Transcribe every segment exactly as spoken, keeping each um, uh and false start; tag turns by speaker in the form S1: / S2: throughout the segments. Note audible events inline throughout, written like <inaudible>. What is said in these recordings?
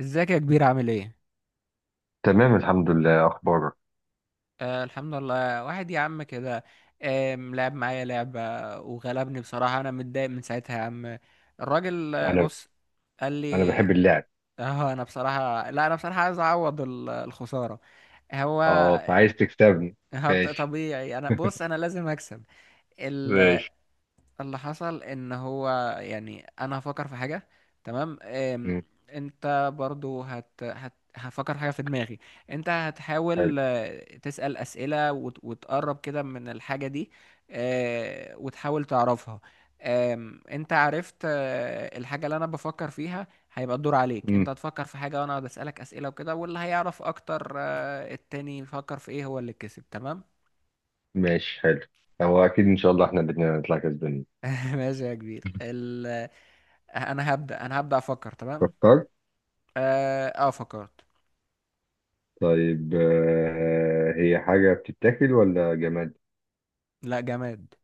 S1: ازيك يا كبير؟ عامل ايه؟
S2: تمام الحمد لله، اخبارك.
S1: آه، الحمد لله. واحد يا عم كده آه لعب معايا لعبة وغلبني بصراحة. انا متضايق من ساعتها يا عم. الراجل آه،
S2: انا
S1: بص، قال
S2: انا
S1: لي،
S2: بحب اللعب.
S1: <laughs> اه انا بصراحة، لا، انا بصراحة عايز اعوض ال- الخسارة. هو
S2: اه، فعايز تكسبني.
S1: <laughs> هو
S2: ماشي
S1: طبيعي. انا بص، انا لازم اكسب.
S2: ماشي.
S1: اللي حصل ان هو، يعني انا هفكر في حاجه، تمام؟ أم،
S2: مم.
S1: انت برضو هت... هت... هفكر حاجه في دماغي، انت
S2: حلو.
S1: هتحاول آه، تسال اسئله وت... وتقرب كده من الحاجه دي آه، وتحاول تعرفها. أم، انت عرفت آه، الحاجه اللي انا بفكر فيها، هيبقى الدور عليك، انت
S2: مم.
S1: هتفكر في حاجه وانا اقعد اسالك اسئله وكده، واللي هيعرف اكتر آه، التاني يفكر في ايه هو اللي كسب، تمام.
S2: ماشي حلو. هو اكيد ان شاء الله احنا الاثنين هنطلع كسبانين.
S1: <laughs> ماشي يا كبير
S2: <laughs>
S1: ال... انا هبدأ انا هبدأ افكر، تمام.
S2: فكرت.
S1: اه, آه فكرت.
S2: طيب آه، هي حاجه بتتاكل ولا جماد؟
S1: لا، جماد.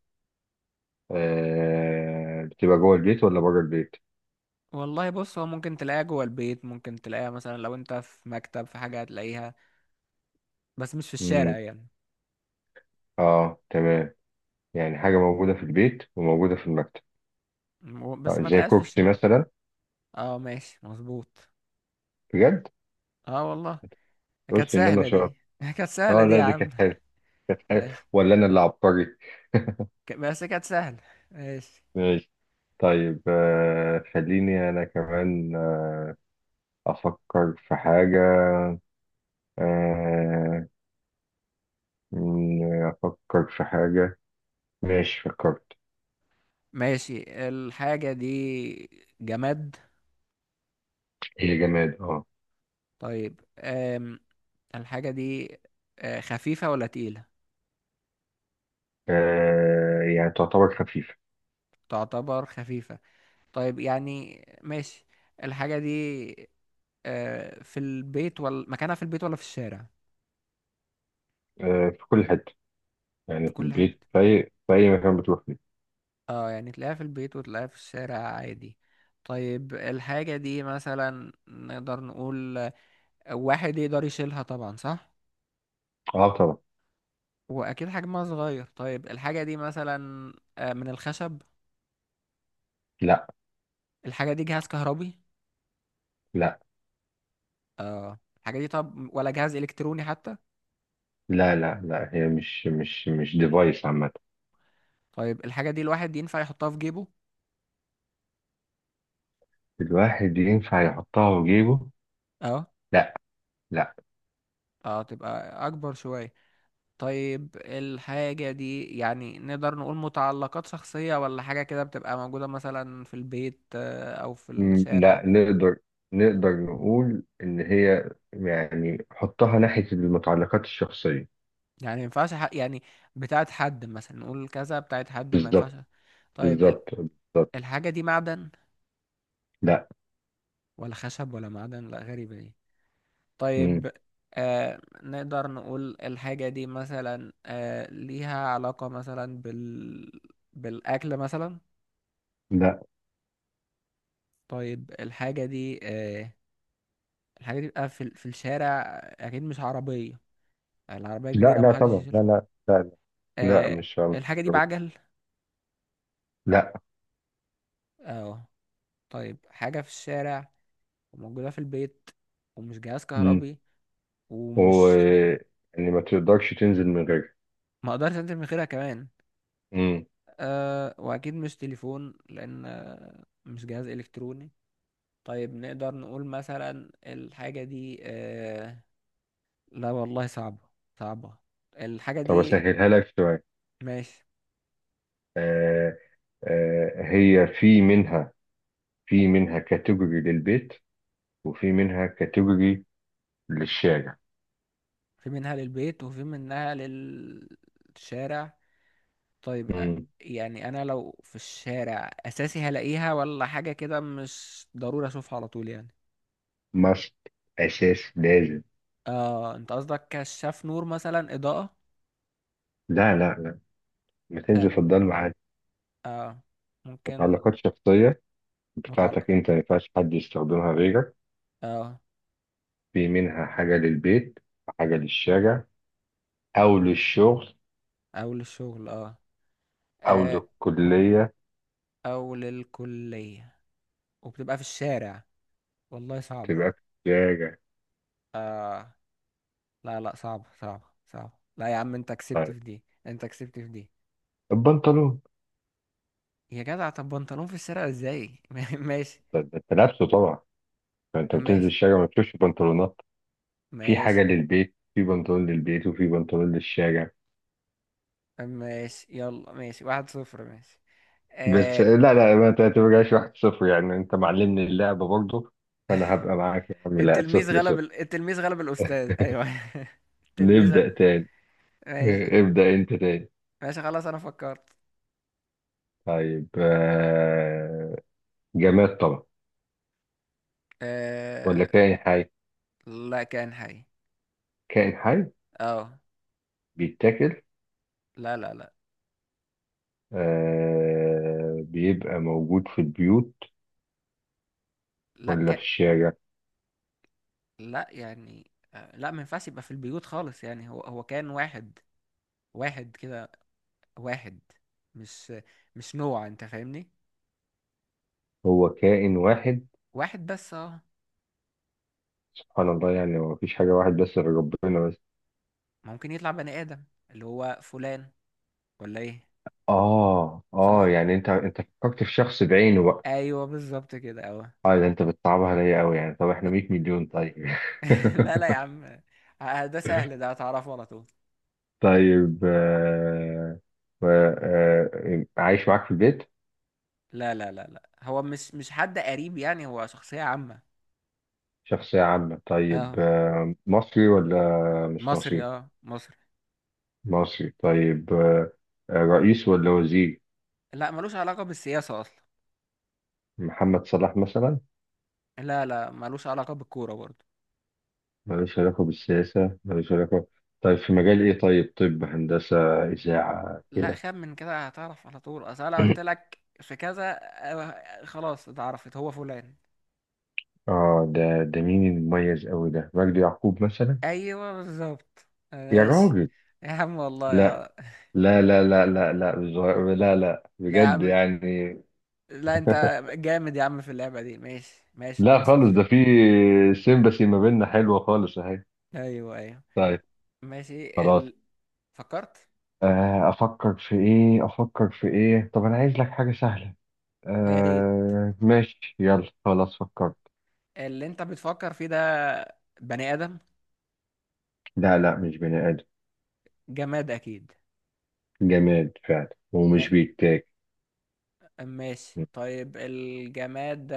S2: آه، بتبقى جوه البيت ولا بره البيت؟
S1: والله بص، هو ممكن تلاقيها جوه البيت، ممكن تلاقيها مثلا لو انت في مكتب في حاجة هتلاقيها، بس مش في الشارع
S2: مم.
S1: يعني.
S2: اه تمام، يعني حاجه موجوده في البيت وموجوده في المكتب.
S1: و- بس
S2: آه،
S1: ما
S2: زي
S1: تلاقيهاش في
S2: كرسي
S1: الشارع.
S2: مثلا.
S1: اه، ماشي مظبوط.
S2: بجد،
S1: اه والله، كانت
S2: قلت ان انا
S1: سهلة دي.
S2: شاطر.
S1: <laughs> كانت سهلة
S2: اه
S1: دي
S2: لا،
S1: يا
S2: دي
S1: عم.
S2: كانت حلوه، كانت حلوه.
S1: ماشي.
S2: ولا انا اللي عبقري؟
S1: ك- بس كانت سهلة. ماشي.
S2: ماشي. طيب آه، خليني أنا كمان آه، أفكر في حاجة. آه، م- أفكر في حاجة. ماشي فكرت.
S1: ماشي. الحاجة دي جماد.
S2: هي جماد اه.
S1: طيب آم. الحاجة دي آه، خفيفة ولا تقيلة؟
S2: آه، يعني تعتبر خفيفة.
S1: تعتبر خفيفة. طيب يعني ماشي. الحاجة دي آه، في البيت ولا مكانها في البيت ولا في الشارع؟
S2: آه، في كل حتة، يعني
S1: في
S2: في
S1: كل
S2: البيت،
S1: حتة.
S2: في أي في أي مكان بتروح فيه.
S1: اه يعني تلاقيها في البيت وتلاقيها في الشارع عادي. طيب الحاجة دي مثلا نقدر نقول آه، واحد يقدر يشيلها، طبعا صح،
S2: اه طبعا.
S1: وأكيد حجمها صغير. طيب الحاجة دي مثلا آه، من الخشب؟
S2: لا
S1: الحاجة دي جهاز كهربي؟
S2: لا
S1: اه الحاجة دي طب ولا جهاز إلكتروني حتى؟
S2: لا لا لا هي مش مش مش ديفايس عامة.
S1: طيب الحاجة دي الواحد ينفع يحطها في جيبه؟
S2: الواحد ينفع يحطها في جيبه؟
S1: اه.
S2: لا لا.
S1: اه، تبقى أكبر شوية. طيب الحاجة دي يعني نقدر نقول متعلقات شخصية ولا حاجة كده بتبقى موجودة مثلا في البيت آه، أو في
S2: مم،
S1: الشارع؟
S2: لا نقدر. نقدر نقول إن هي، يعني حطها ناحية المتعلقات الشخصية.
S1: يعني ما ينفعش ح- يعني بتاعت حد، مثلا نقول كذا بتاعت حد ما ينفعش.
S2: بالظبط،
S1: طيب ال-
S2: بالظبط بالظبط.
S1: الحاجة دي معدن
S2: لا.
S1: ولا خشب؟ ولا معدن؟ لا، غريبة دي.
S2: مم،
S1: طيب آه، نقدر نقول الحاجة دي مثلا آه، ليها علاقة مثلا بال، بالأكل مثلا؟
S2: لا
S1: طيب الحاجة دي آه، الحاجة دي بقى في ال- في الشارع اكيد مش عربية، العربية
S2: لا
S1: كبيرة
S2: لا
S1: محدش
S2: طبعا، لا
S1: يشيلها.
S2: لا لا لا, لا،
S1: آه
S2: مش مش
S1: الحاجة دي
S2: قربت.
S1: بعجل؟
S2: لا.
S1: اه. طيب حاجة في الشارع وموجودة في البيت ومش جهاز
S2: مم.
S1: كهربي
S2: و،
S1: ومش،
S2: يعني ما تقدرش تنزل من غيرها.
S1: ما اقدرش انزل من غيرها كمان.
S2: مم.
S1: آه واكيد مش تليفون لان آه، مش جهاز الكتروني. طيب نقدر نقول مثلا الحاجة دي آه، لا والله صعبة. صعبة الحاجة
S2: طب
S1: دي.
S2: أسهلها لك شوية.
S1: ماشي.
S2: آه آه، هي في منها، في منها كاتيجوري للبيت، وفي منها كاتيجوري للشارع.
S1: في منها للبيت وفي منها للشارع. طيب أ-
S2: مم.
S1: يعني انا لو في الشارع اساسي هلاقيها ولا حاجة كده مش ضروري اشوفها على طول يعني؟
S2: must، أساس، لازم.
S1: اه انت قصدك كشاف نور مثلا، اضاءة؟
S2: لا لا لا، ما
S1: اه,
S2: تنزل في الضلمة عادي.
S1: آه. ممكن.
S2: متعلقات شخصية
S1: متعلق،
S2: بتاعتك أنت، ما ينفعش حد يستخدمها غيرك.
S1: اه.
S2: في منها حاجة للبيت، حاجة للشارع، أو للشغل،
S1: او للشغل اه,
S2: أو
S1: آه.
S2: للكلية.
S1: او للكلية وبتبقى في الشارع. والله صعب.
S2: تبقى في الشارع.
S1: آه. لا لا، صعب، صعب، صعب. لا يا عم، انت كسبت
S2: طيب
S1: في دي، انت كسبت في دي.
S2: البنطلون.
S1: يا جدع، طب بنطلون في الشارع ازاي؟ <laughs> ماشي.
S2: ده ده أنت لابسه طبعا، فأنت بتنزل
S1: ماشي.
S2: الشارع ما بتشوفش بنطلونات. في
S1: ماشي.
S2: حاجة للبيت، في بنطلون للبيت وفي بنطلون للشارع.
S1: ماشي، يلا ماشي، واحد صفر، ماشي.
S2: بس
S1: آه.
S2: لا لا، ما تعتبرهاش واحد صفر يعني، أنت معلمني اللعبة برضه، فأنا هبقى معاك يا عم لا،
S1: التلميذ
S2: صفر
S1: غلب
S2: صفر.
S1: ال... التلميذ غلب الأستاذ، أيوه. <laughs> التلميذ.
S2: نبدأ تاني.
S1: ماشي.
S2: إيه، ابدأ انت تاني.
S1: ماشي خلاص، أنا فكرت.
S2: طيب آه، جماد طبعا، ولا
S1: آه.
S2: كائن حي؟
S1: لا، كان حي.
S2: كائن حي.
S1: اه.
S2: بيتاكل؟
S1: لا لا لا.
S2: آه، بيبقى موجود في البيوت
S1: لا
S2: ولا في
S1: ك...
S2: الشارع؟
S1: لا يعني آه، لا ما ينفعش يبقى في البيوت خالص، يعني هو هو كان واحد، واحد كده، واحد، مش مش نوع، انت فاهمني،
S2: هو كائن واحد؟
S1: واحد بس اه.
S2: سبحان الله، يعني هو مفيش حاجة واحد بس غير ربنا بس.
S1: ممكن يطلع بني آدم، اللي هو فلان، ولا ايه؟
S2: اه
S1: صح.
S2: اه، يعني انت انت فكرت في شخص بعينه بقى.
S1: ايوه بالظبط كده اهو.
S2: اه، ده انت بتصعبها عليا قوي يعني، طب احنا
S1: <laughs>
S2: 100 مليون طيب. <laughs>
S1: لا لا يا عم، آه، ده سهل، ده هتعرفه على طول.
S2: طيب آه، و- آه، عايش معاك في البيت؟
S1: لا لا لا لا، هو مش مش حد قريب يعني، هو شخصية عامة.
S2: شخصية عامة. طيب
S1: اه،
S2: آه، مصري ولا مش
S1: مصري،
S2: مصري؟
S1: اه مصري.
S2: مصري طيب. آه، آه، رئيس ولا وزير؟
S1: لا، ملوش علاقة بالسياسة أصلا.
S2: محمد صلاح مثلا؟
S1: لا لا، ملوش علاقة بالكورة برضه.
S2: ملوش علاقة بالسياسة، ملوش علاقة. طيب في مجال إيه طيب؟ طب هندسة، إذاعة
S1: لا،
S2: كده.
S1: خم من كده هتعرف على طول. أصل أنا قلت
S2: <clears throat>
S1: لك في كذا آه، خلاص اتعرفت، هو فلان.
S2: آه، ده ده مين المميز أوي ده؟ مجدي يعقوب مثلا؟
S1: أيوه بالظبط.
S2: يا
S1: ماشي.
S2: راجل.
S1: يا عم والله
S2: لا
S1: يا،
S2: لا لا لا لا لا بز- لا لا
S1: لا يا
S2: بجد
S1: عم،
S2: يعني.
S1: لا، انت
S2: <laughs>
S1: جامد يا عم في اللعبة دي. ماشي. ماشي، 2
S2: لا خالص،
S1: صفر.
S2: ده في سيمباسي ما بيننا حلوة خالص أهي.
S1: ايوه، ايوه.
S2: طيب
S1: ماشي
S2: خلاص.
S1: ال... فكرت.
S2: آه، افكر في ايه، افكر في ايه، طب انا عايز لك حاجة سهلة.
S1: يا ريت.
S2: آه ماشي يلا خلاص فكرت.
S1: اللي انت بتفكر فيه ده بني ادم؟
S2: لا لا، مش بني ادم.
S1: جماد اكيد.
S2: جماد فعلا،
S1: ما...
S2: ومش بيتاكل.
S1: ماشي، طيب الجماد ده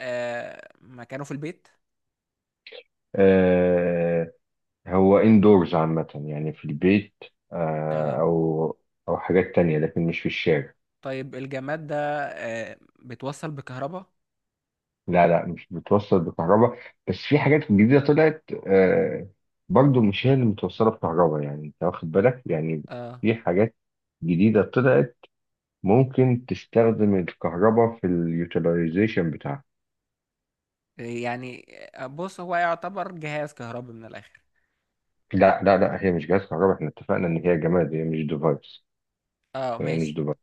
S1: آه... مكانه في البيت؟
S2: آه هو اندورز عامة يعني في البيت، آه
S1: اه.
S2: او او حاجات تانية، لكن مش في الشارع.
S1: طيب الجماد ده آه... بتوصل بكهرباء؟
S2: لا لا، مش بتوصل بكهرباء. بس في حاجات جديدة طلعت آه، برضو مش هي اللي متوصلة بكهرباء يعني، انت واخد بالك يعني.
S1: اه
S2: في حاجات جديدة طلعت، ممكن تستخدم الكهرباء في اليوتيلايزيشن بتاعها.
S1: يعني آه، بص هو يعتبر جهاز كهربي من الاخر.
S2: لا لا لا، هي مش جهاز كهرباء، احنا اتفقنا ان هي جماد، هي مش ديفايس.
S1: اه
S2: هي مش
S1: ماشي.
S2: ديفايس.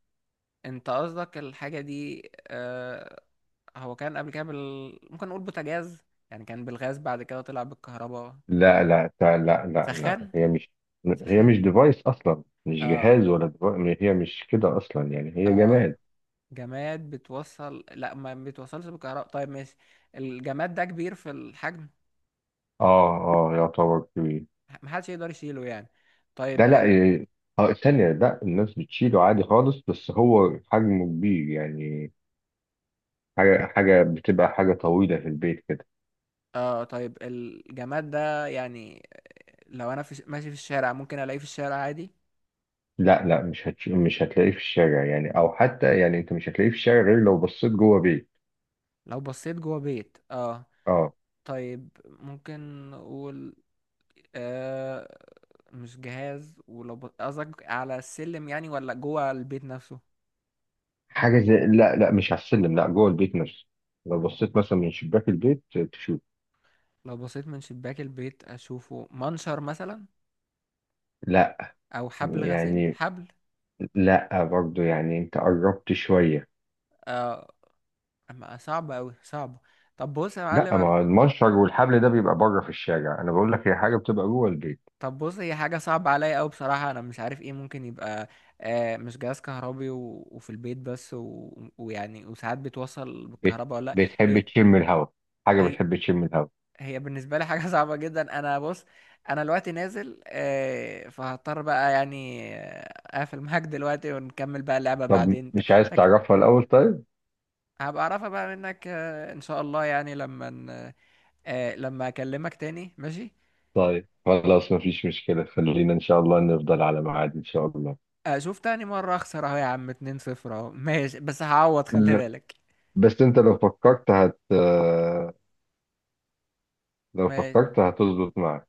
S1: انت قصدك الحاجة دي آه... هو كان قبل كده بال... ممكن نقول بوتاجاز، يعني كان بالغاز، بعد كده طلع بالكهرباء،
S2: لا لا لا لا لا
S1: سخان؟
S2: لا هي مش هي مش
S1: سخان؟
S2: ديفايس اصلا، مش
S1: اه.
S2: جهاز ولا ديفايس، هي مش كده اصلا يعني، هي
S1: اه.
S2: جماد.
S1: جماد بتوصل، لا ما بتوصلش بالكهرباء. طيب ماشي. الجماد ده كبير في الحجم،
S2: اه. اه يعتبر كبير.
S1: محدش يقدر يشيله يعني؟
S2: ده
S1: طيب
S2: لا
S1: ال...
S2: إيه، اه ثانية، لا الناس بتشيله عادي خالص، بس هو حجمه كبير يعني. حاجة حاجة بتبقى حاجة طويلة في البيت كده.
S1: اه. طيب الجماد ده يعني لو انا في... ش- ماشي في الشارع ممكن الاقيه في الشارع عادي؟
S2: لا لا، مش هتش... مش هتلاقيه في الشارع يعني، او حتى يعني انت مش هتلاقيه في الشارع غير لو بصيت جوه بيت.
S1: لو بصيت جوه بيت، اه.
S2: اه.
S1: طيب ممكن نقول آه، مش جهاز، ولو ب- قصدك على السلم يعني ولا جوه البيت نفسه؟
S2: حاجه زي، لا لا، مش على السلم، لا جوه البيت نفسه. لو بصيت مثلا من شباك البيت تشوف.
S1: لو بصيت من شباك البيت اشوفه منشر مثلا،
S2: لا
S1: او حبل غسيل،
S2: يعني.
S1: حبل.
S2: لا برضو يعني، انت قربت شويه.
S1: آه، أما صعبة اوي، صعبة. طب بص يا
S2: لا،
S1: معلم
S2: ما هو
S1: أنا-
S2: المنشر والحبل ده بيبقى بره في الشارع، انا بقول لك هي حاجه بتبقى جوه البيت.
S1: طب بص، هي حاجة صعبة عليا اوي بصراحة، انا مش عارف ايه ممكن يبقى. آه مش جهاز كهربي و... وفي البيت بس و... ويعني وساعات بتوصل
S2: بت...
S1: بالكهرباء ولا لأ.
S2: بتحب
S1: هي
S2: تشم الهواء. حاجه
S1: هي
S2: بتحب تشم الهواء.
S1: هي بالنسبة لي حاجة <laughs> صعبة جدا. انا بص، انا دلوقتي نازل، آه، فهضطر بقى يعني آه، اقفل معاك دلوقتي ونكمل بقى اللعبة
S2: طب
S1: بعدين.
S2: مش عايز تعرفها الاول طيب؟
S1: هبقى اعرفها بقى منك آه، ان شاء الله، يعني لما ن- آه، لما اكلمك تاني، ماشي.
S2: طيب خلاص، مفيش مشكلة، خلينا إن شاء الله نفضل على ميعاد إن شاء الله.
S1: آه، شوف تاني مرة اخسر اهو يا عم، 2 صفر اهو، ماشي، بس هعوض، خلي
S2: لا،
S1: بالك.
S2: بس أنت لو فكرت هت، لو
S1: ماشي.
S2: فكرت هتظبط معك.